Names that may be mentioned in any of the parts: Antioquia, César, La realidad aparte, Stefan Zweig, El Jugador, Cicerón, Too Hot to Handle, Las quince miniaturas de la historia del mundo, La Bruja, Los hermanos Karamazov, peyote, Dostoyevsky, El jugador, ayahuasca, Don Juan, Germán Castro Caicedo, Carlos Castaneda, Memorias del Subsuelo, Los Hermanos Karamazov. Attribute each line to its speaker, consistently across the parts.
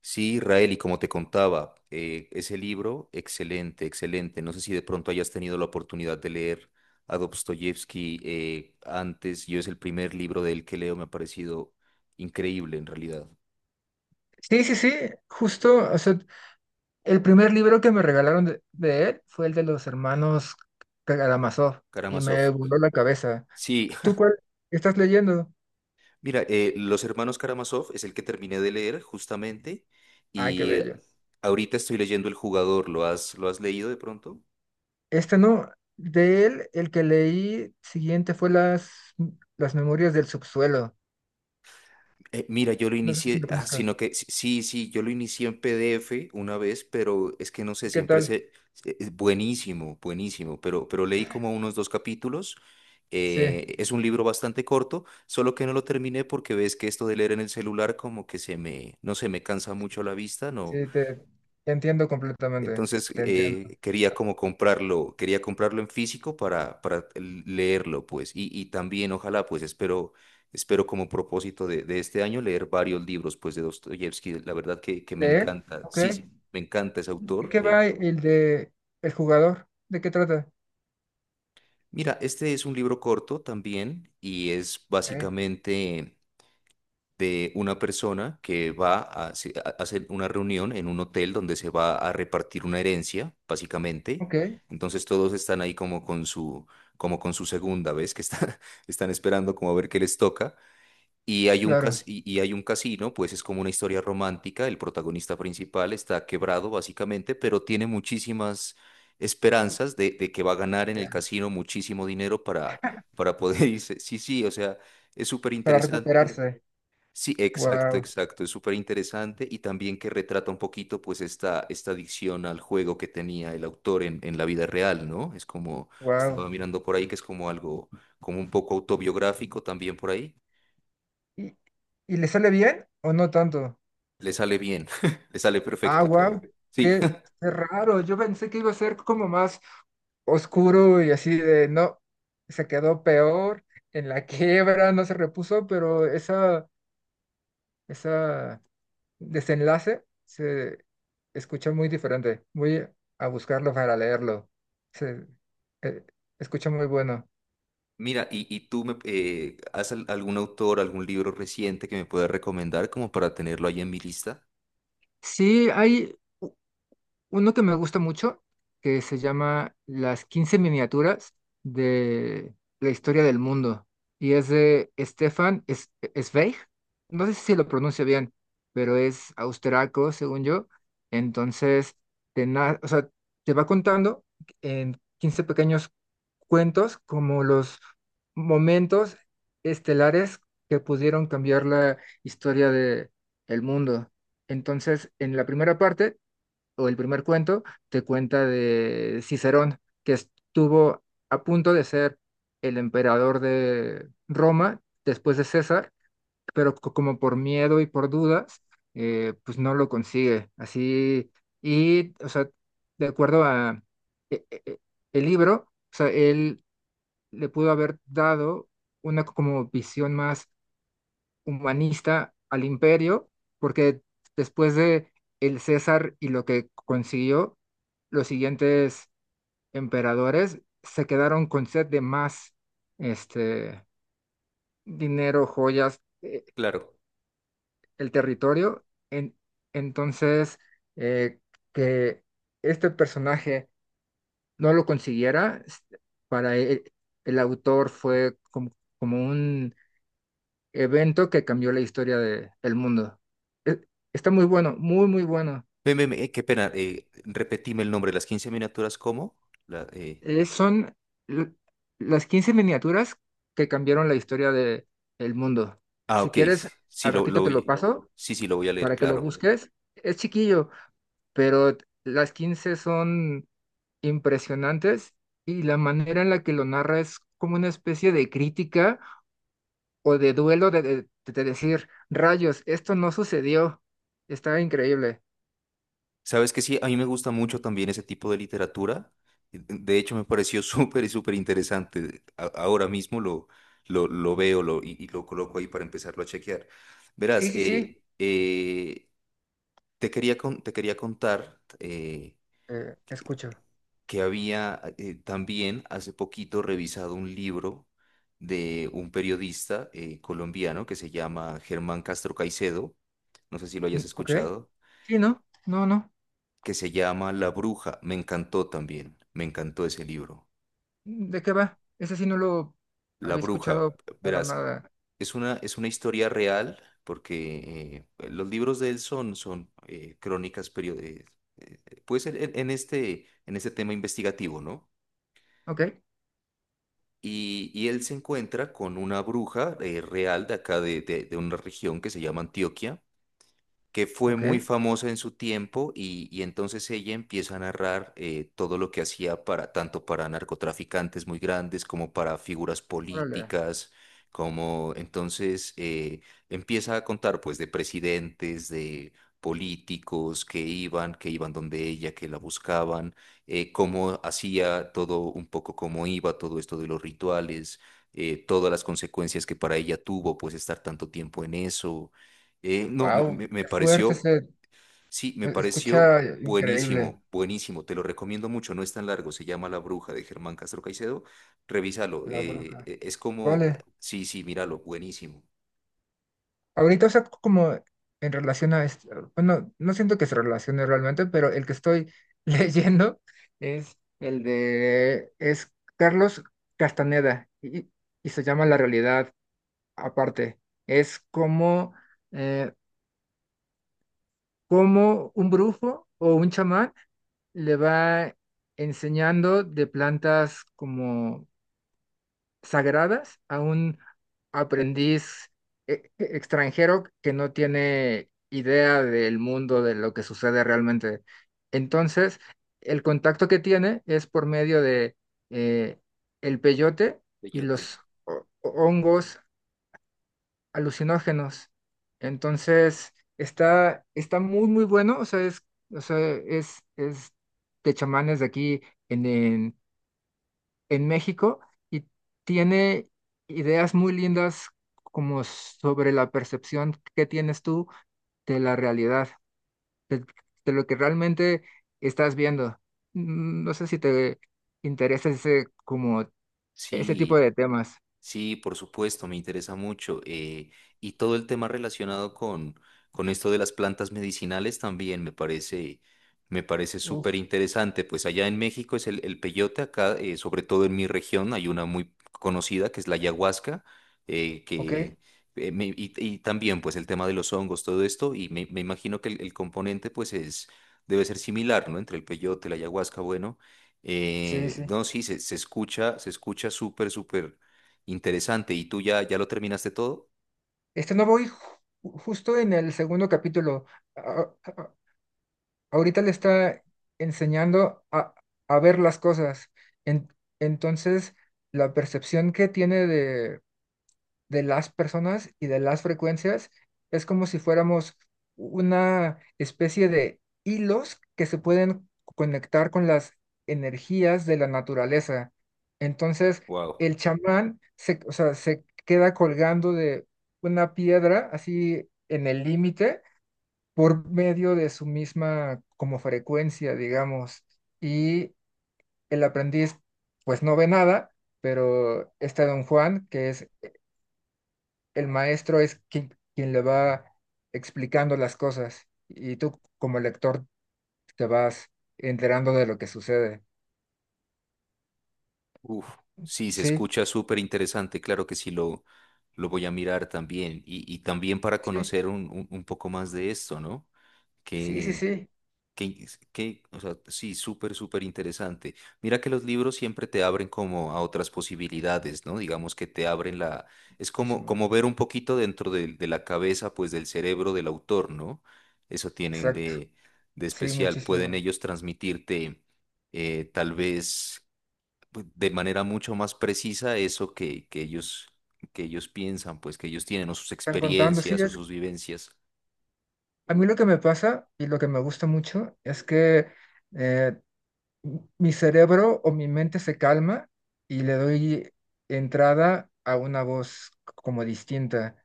Speaker 1: Sí, Israel, y como te contaba, ese libro, excelente, excelente. No sé si de pronto hayas tenido la oportunidad de leer a Dostoyevsky antes. Yo es el primer libro de él que leo, me ha parecido increíble en realidad.
Speaker 2: Sí, sí, sí, justo, o sea, el primer libro que me regalaron de él fue el de los hermanos Karamazov, y me
Speaker 1: Karamazov.
Speaker 2: voló la cabeza.
Speaker 1: Sí,
Speaker 2: ¿Tú cuál estás leyendo?
Speaker 1: mira, Los Hermanos Karamazov es el que terminé de leer justamente
Speaker 2: Ay, qué
Speaker 1: y
Speaker 2: bello.
Speaker 1: ahorita estoy leyendo El Jugador. ¿Lo has leído de pronto?
Speaker 2: Este no, de él el que leí siguiente fue las Memorias del Subsuelo.
Speaker 1: Mira, yo lo
Speaker 2: No sé si
Speaker 1: inicié,
Speaker 2: lo
Speaker 1: ah,
Speaker 2: conozcas.
Speaker 1: sino que sí, sí, yo lo inicié en PDF una vez, pero es que no sé,
Speaker 2: ¿Qué
Speaker 1: siempre
Speaker 2: tal?
Speaker 1: es buenísimo, buenísimo, pero leí como unos dos capítulos.
Speaker 2: Sí,
Speaker 1: Es un libro bastante corto, solo que no lo terminé porque ves que esto de leer en el celular como que se me, no se me cansa mucho la vista, no,
Speaker 2: sí, te entiendo completamente,
Speaker 1: entonces
Speaker 2: te entiendo.
Speaker 1: quería como comprarlo, quería comprarlo en físico para leerlo, pues, y también ojalá, pues, espero, espero como propósito de este año leer varios libros, pues, de Dostoyevsky, la verdad que me
Speaker 2: ¿De él?
Speaker 1: encanta,
Speaker 2: Ok.
Speaker 1: sí, sí, me encanta ese
Speaker 2: ¿De
Speaker 1: autor.
Speaker 2: qué va el de el jugador? ¿De qué trata?
Speaker 1: Mira, este es un libro corto también y es
Speaker 2: Ok,
Speaker 1: básicamente de una persona que va a, a hacer una reunión en un hotel donde se va a repartir una herencia, básicamente.
Speaker 2: ok,
Speaker 1: Entonces todos están ahí como con su segunda vez, que están, están esperando como a ver qué les toca. Y hay un
Speaker 2: claro.
Speaker 1: y hay un casino, pues es como una historia romántica. El protagonista principal está quebrado, básicamente, pero tiene muchísimas
Speaker 2: y-
Speaker 1: esperanzas de que va a ganar en el casino muchísimo dinero para poder irse. Sí, sí, o sea, es súper
Speaker 2: para
Speaker 1: interesante.
Speaker 2: recuperarse.
Speaker 1: Sí, exacto,
Speaker 2: Wow,
Speaker 1: exacto. Es súper interesante y también que retrata un poquito pues esta adicción al juego que tenía el autor en la vida real, ¿no? Es como,
Speaker 2: wow.
Speaker 1: estaba mirando por ahí que es como algo, como un poco autobiográfico también por ahí.
Speaker 2: ¿Y, y le sale bien o no tanto?
Speaker 1: Le sale bien, le sale
Speaker 2: Ah,
Speaker 1: perfecto
Speaker 2: wow,
Speaker 1: todo. Sí.
Speaker 2: qué, qué raro. Yo pensé que iba a ser como más oscuro y así de no, se quedó peor, en la quiebra, no se repuso, pero esa desenlace se escucha muy diferente. Voy a buscarlo para leerlo. Se eh, escucha muy bueno.
Speaker 1: Mira, y tú me, ¿has algún autor, algún libro reciente que me puedas recomendar como para tenerlo ahí en mi lista?
Speaker 2: Sí, hay uno que me gusta mucho, que se llama Las Quince Miniaturas de la Historia del Mundo. Y es de Zweig. No sé si lo pronuncio bien, pero es austriaco, según yo. Entonces, o sea, te va contando en 15 pequeños cuentos como los momentos estelares que pudieron cambiar la historia de, el mundo. Entonces, en la primera parte o el primer cuento, te cuenta de Cicerón, que estuvo a punto de ser el emperador de Roma después de César, pero como por miedo y por dudas, pues no lo consigue. Así, y, o sea, de acuerdo a e- e- e- el libro, o sea, él le pudo haber dado una como visión más humanista al imperio, porque después de el César y lo que consiguió, los siguientes emperadores se quedaron con sed de más este, dinero, joyas,
Speaker 1: Claro.
Speaker 2: el territorio. Entonces, eh, que este personaje no lo consiguiera, para el autor fue como, como un evento que cambió la historia del mundo. E- Está muy bueno, muy, muy bueno.
Speaker 1: Ven, ven, ven, qué pena, repetime el nombre, de las 15 miniaturas, ¿cómo? La,
Speaker 2: Son l- las quince miniaturas que cambiaron la historia del mundo.
Speaker 1: ah,
Speaker 2: Si
Speaker 1: ok.
Speaker 2: quieres,
Speaker 1: Sí,
Speaker 2: al
Speaker 1: lo
Speaker 2: ratito te lo
Speaker 1: voy.
Speaker 2: paso
Speaker 1: Sí, sí, lo voy a leer,
Speaker 2: para que lo
Speaker 1: claro.
Speaker 2: busques. Es chiquillo, pero las 15 son impresionantes, y la manera en la que lo narra es como una especie de crítica o de duelo de, de decir, rayos, esto no sucedió. Está increíble.
Speaker 1: Sabes que sí, a mí me gusta mucho también ese tipo de literatura. De hecho, me pareció súper y súper interesante. Ahora mismo lo veo lo, y lo coloco ahí para empezarlo a chequear.
Speaker 2: Sí,
Speaker 1: Verás,
Speaker 2: sí, sí.
Speaker 1: te quería, te quería contar
Speaker 2: Escucho.
Speaker 1: que había también hace poquito revisado un libro de un periodista colombiano que se llama Germán Castro Caicedo, no sé si lo hayas
Speaker 2: ¿Ok?
Speaker 1: escuchado,
Speaker 2: Sí, ¿no? No, no.
Speaker 1: que se llama La Bruja. Me encantó también, me encantó ese libro.
Speaker 2: ¿De qué va? Ese sí no lo
Speaker 1: La
Speaker 2: había
Speaker 1: Bruja,
Speaker 2: escuchado para
Speaker 1: verás,
Speaker 2: nada.
Speaker 1: es una historia real porque pues, los libros de él son, son crónicas periodísticas. Pues en, en este tema investigativo, ¿no?
Speaker 2: ¿Ok?
Speaker 1: Y él se encuentra con una bruja real de acá de una región que se llama Antioquia que fue
Speaker 2: ¿Ok?
Speaker 1: muy famosa en su tiempo y entonces ella empieza a narrar todo lo que hacía para tanto para narcotraficantes muy grandes como para figuras
Speaker 2: Órale.
Speaker 1: políticas, como entonces empieza a contar pues de presidentes, de políticos que iban donde ella, que la buscaban, cómo hacía todo un poco, cómo iba todo esto de los rituales, todas las consecuencias que para ella tuvo pues estar tanto tiempo en eso no, me,
Speaker 2: Wow,
Speaker 1: me
Speaker 2: qué fuerte
Speaker 1: pareció,
Speaker 2: se
Speaker 1: sí, me pareció
Speaker 2: escucha increíble
Speaker 1: buenísimo, buenísimo, te lo recomiendo mucho, no es tan largo, se llama La Bruja de Germán Castro Caicedo, revísalo,
Speaker 2: la bruja.
Speaker 1: es como,
Speaker 2: Vale.
Speaker 1: sí, sí, míralo, buenísimo.
Speaker 2: Ahorita, o sea, como en relación a esto, bueno, no siento que se relacione realmente, pero el que estoy leyendo es es Carlos Castaneda, y se llama La Realidad Aparte. Es como, eh, como un brujo o un chamán le va enseñando de plantas como sagradas a un aprendiz extranjero que no tiene idea del mundo, de lo que sucede realmente. Entonces, el contacto que tiene es por medio de eh, el peyote y
Speaker 1: Bellote.
Speaker 2: los hongos alucinógenos. Entonces, está, está muy, muy bueno. O sea, es, es de chamanes de aquí en, en, en México, y tiene ideas muy lindas como sobre la percepción que tienes tú de la realidad, de, de lo que realmente estás viendo. No sé si te interesa ese, como, ese tipo
Speaker 1: Sí,
Speaker 2: de temas.
Speaker 1: sí, por supuesto, me interesa mucho. Y todo el tema relacionado con esto de las plantas medicinales también me parece súper
Speaker 2: Uf,
Speaker 1: interesante. Pues allá en México es el peyote, acá, sobre todo en mi región, hay una muy conocida que es la ayahuasca,
Speaker 2: ok,
Speaker 1: que, y también pues el tema de los hongos, todo esto, y me imagino que el componente pues es, debe ser similar, ¿no? Entre el peyote, la ayahuasca, bueno.
Speaker 2: sí, sí.
Speaker 1: No, sí, se, se escucha súper, súper. Interesante. ¿Y tú ya, ya lo terminaste todo?
Speaker 2: Este no, voy justo en el segundo capítulo. A- a- Ahorita le está enseñando a ver las cosas. En- entonces, la percepción que tiene de las personas y de las frecuencias, es como si fuéramos una especie de hilos que se pueden conectar con las energías de la naturaleza. Entonces,
Speaker 1: Wow.
Speaker 2: el chamán se, o sea, se queda colgando de una piedra así en el límite por medio de su misma como frecuencia, digamos. Y el aprendiz pues no ve nada, pero este don Juan, que es el maestro, es quien le va explicando las cosas, y tú como lector te vas enterando de lo que sucede.
Speaker 1: Uf. Sí, se
Speaker 2: Sí,
Speaker 1: escucha súper interesante. Claro que sí, lo voy a mirar también. Y también para
Speaker 2: sí,
Speaker 1: conocer un, un poco más de esto, ¿no?
Speaker 2: sí, sí,
Speaker 1: Qué,
Speaker 2: sí.
Speaker 1: qué, o sea, sí, súper, súper interesante. Mira que los libros siempre te abren como a otras posibilidades, ¿no? Digamos que te abren la... Es como,
Speaker 2: Muchísimo.
Speaker 1: como ver un poquito dentro de la cabeza, pues del cerebro del autor, ¿no? Eso tienen
Speaker 2: Exacto.
Speaker 1: de
Speaker 2: Sí,
Speaker 1: especial. Pueden
Speaker 2: muchísimo.
Speaker 1: ellos transmitirte tal vez pues, de manera mucho más precisa eso que ellos piensan, pues que ellos tienen o sus
Speaker 2: Están contando, sí,
Speaker 1: experiencias o
Speaker 2: es...
Speaker 1: sus vivencias.
Speaker 2: A mí lo que me pasa y lo que me gusta mucho es que eh, mi cerebro o mi mente se calma y le doy entrada a una voz como distinta.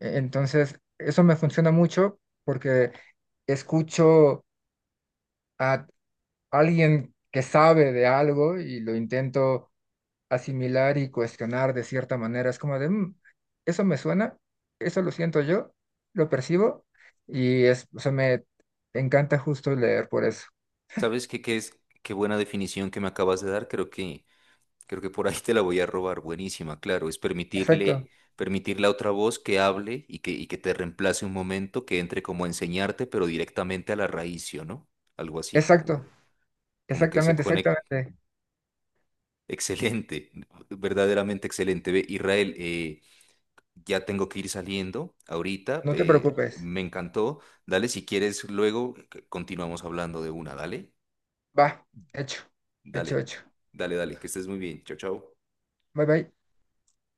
Speaker 2: Entonces, eso me funciona mucho porque escucho a alguien que sabe de algo, y lo intento asimilar y cuestionar de cierta manera. Es como de, "Mm, eso me suena, eso lo siento yo, lo percibo", y es, o sea, me encanta justo leer por eso.
Speaker 1: ¿Sabes qué, qué es? Qué buena definición que me acabas de dar. Creo que por ahí te la voy a robar. Buenísima, claro. Es permitirle,
Speaker 2: Perfecto,
Speaker 1: permitirle a otra voz que hable y que te reemplace un momento, que entre como a enseñarte, pero directamente a la raíz, ¿sí o no? Algo así, como,
Speaker 2: exacto,
Speaker 1: como que se
Speaker 2: exactamente,
Speaker 1: conecte.
Speaker 2: exactamente.
Speaker 1: Excelente, verdaderamente excelente. Ve, Israel, ya tengo que ir saliendo ahorita.
Speaker 2: No te preocupes.
Speaker 1: Me encantó. Dale, si quieres, luego continuamos hablando de una. Dale,
Speaker 2: Va, hecho, hecho,
Speaker 1: dale,
Speaker 2: hecho.
Speaker 1: dale, dale, que estés muy bien. Chao, chao.
Speaker 2: Bye bye.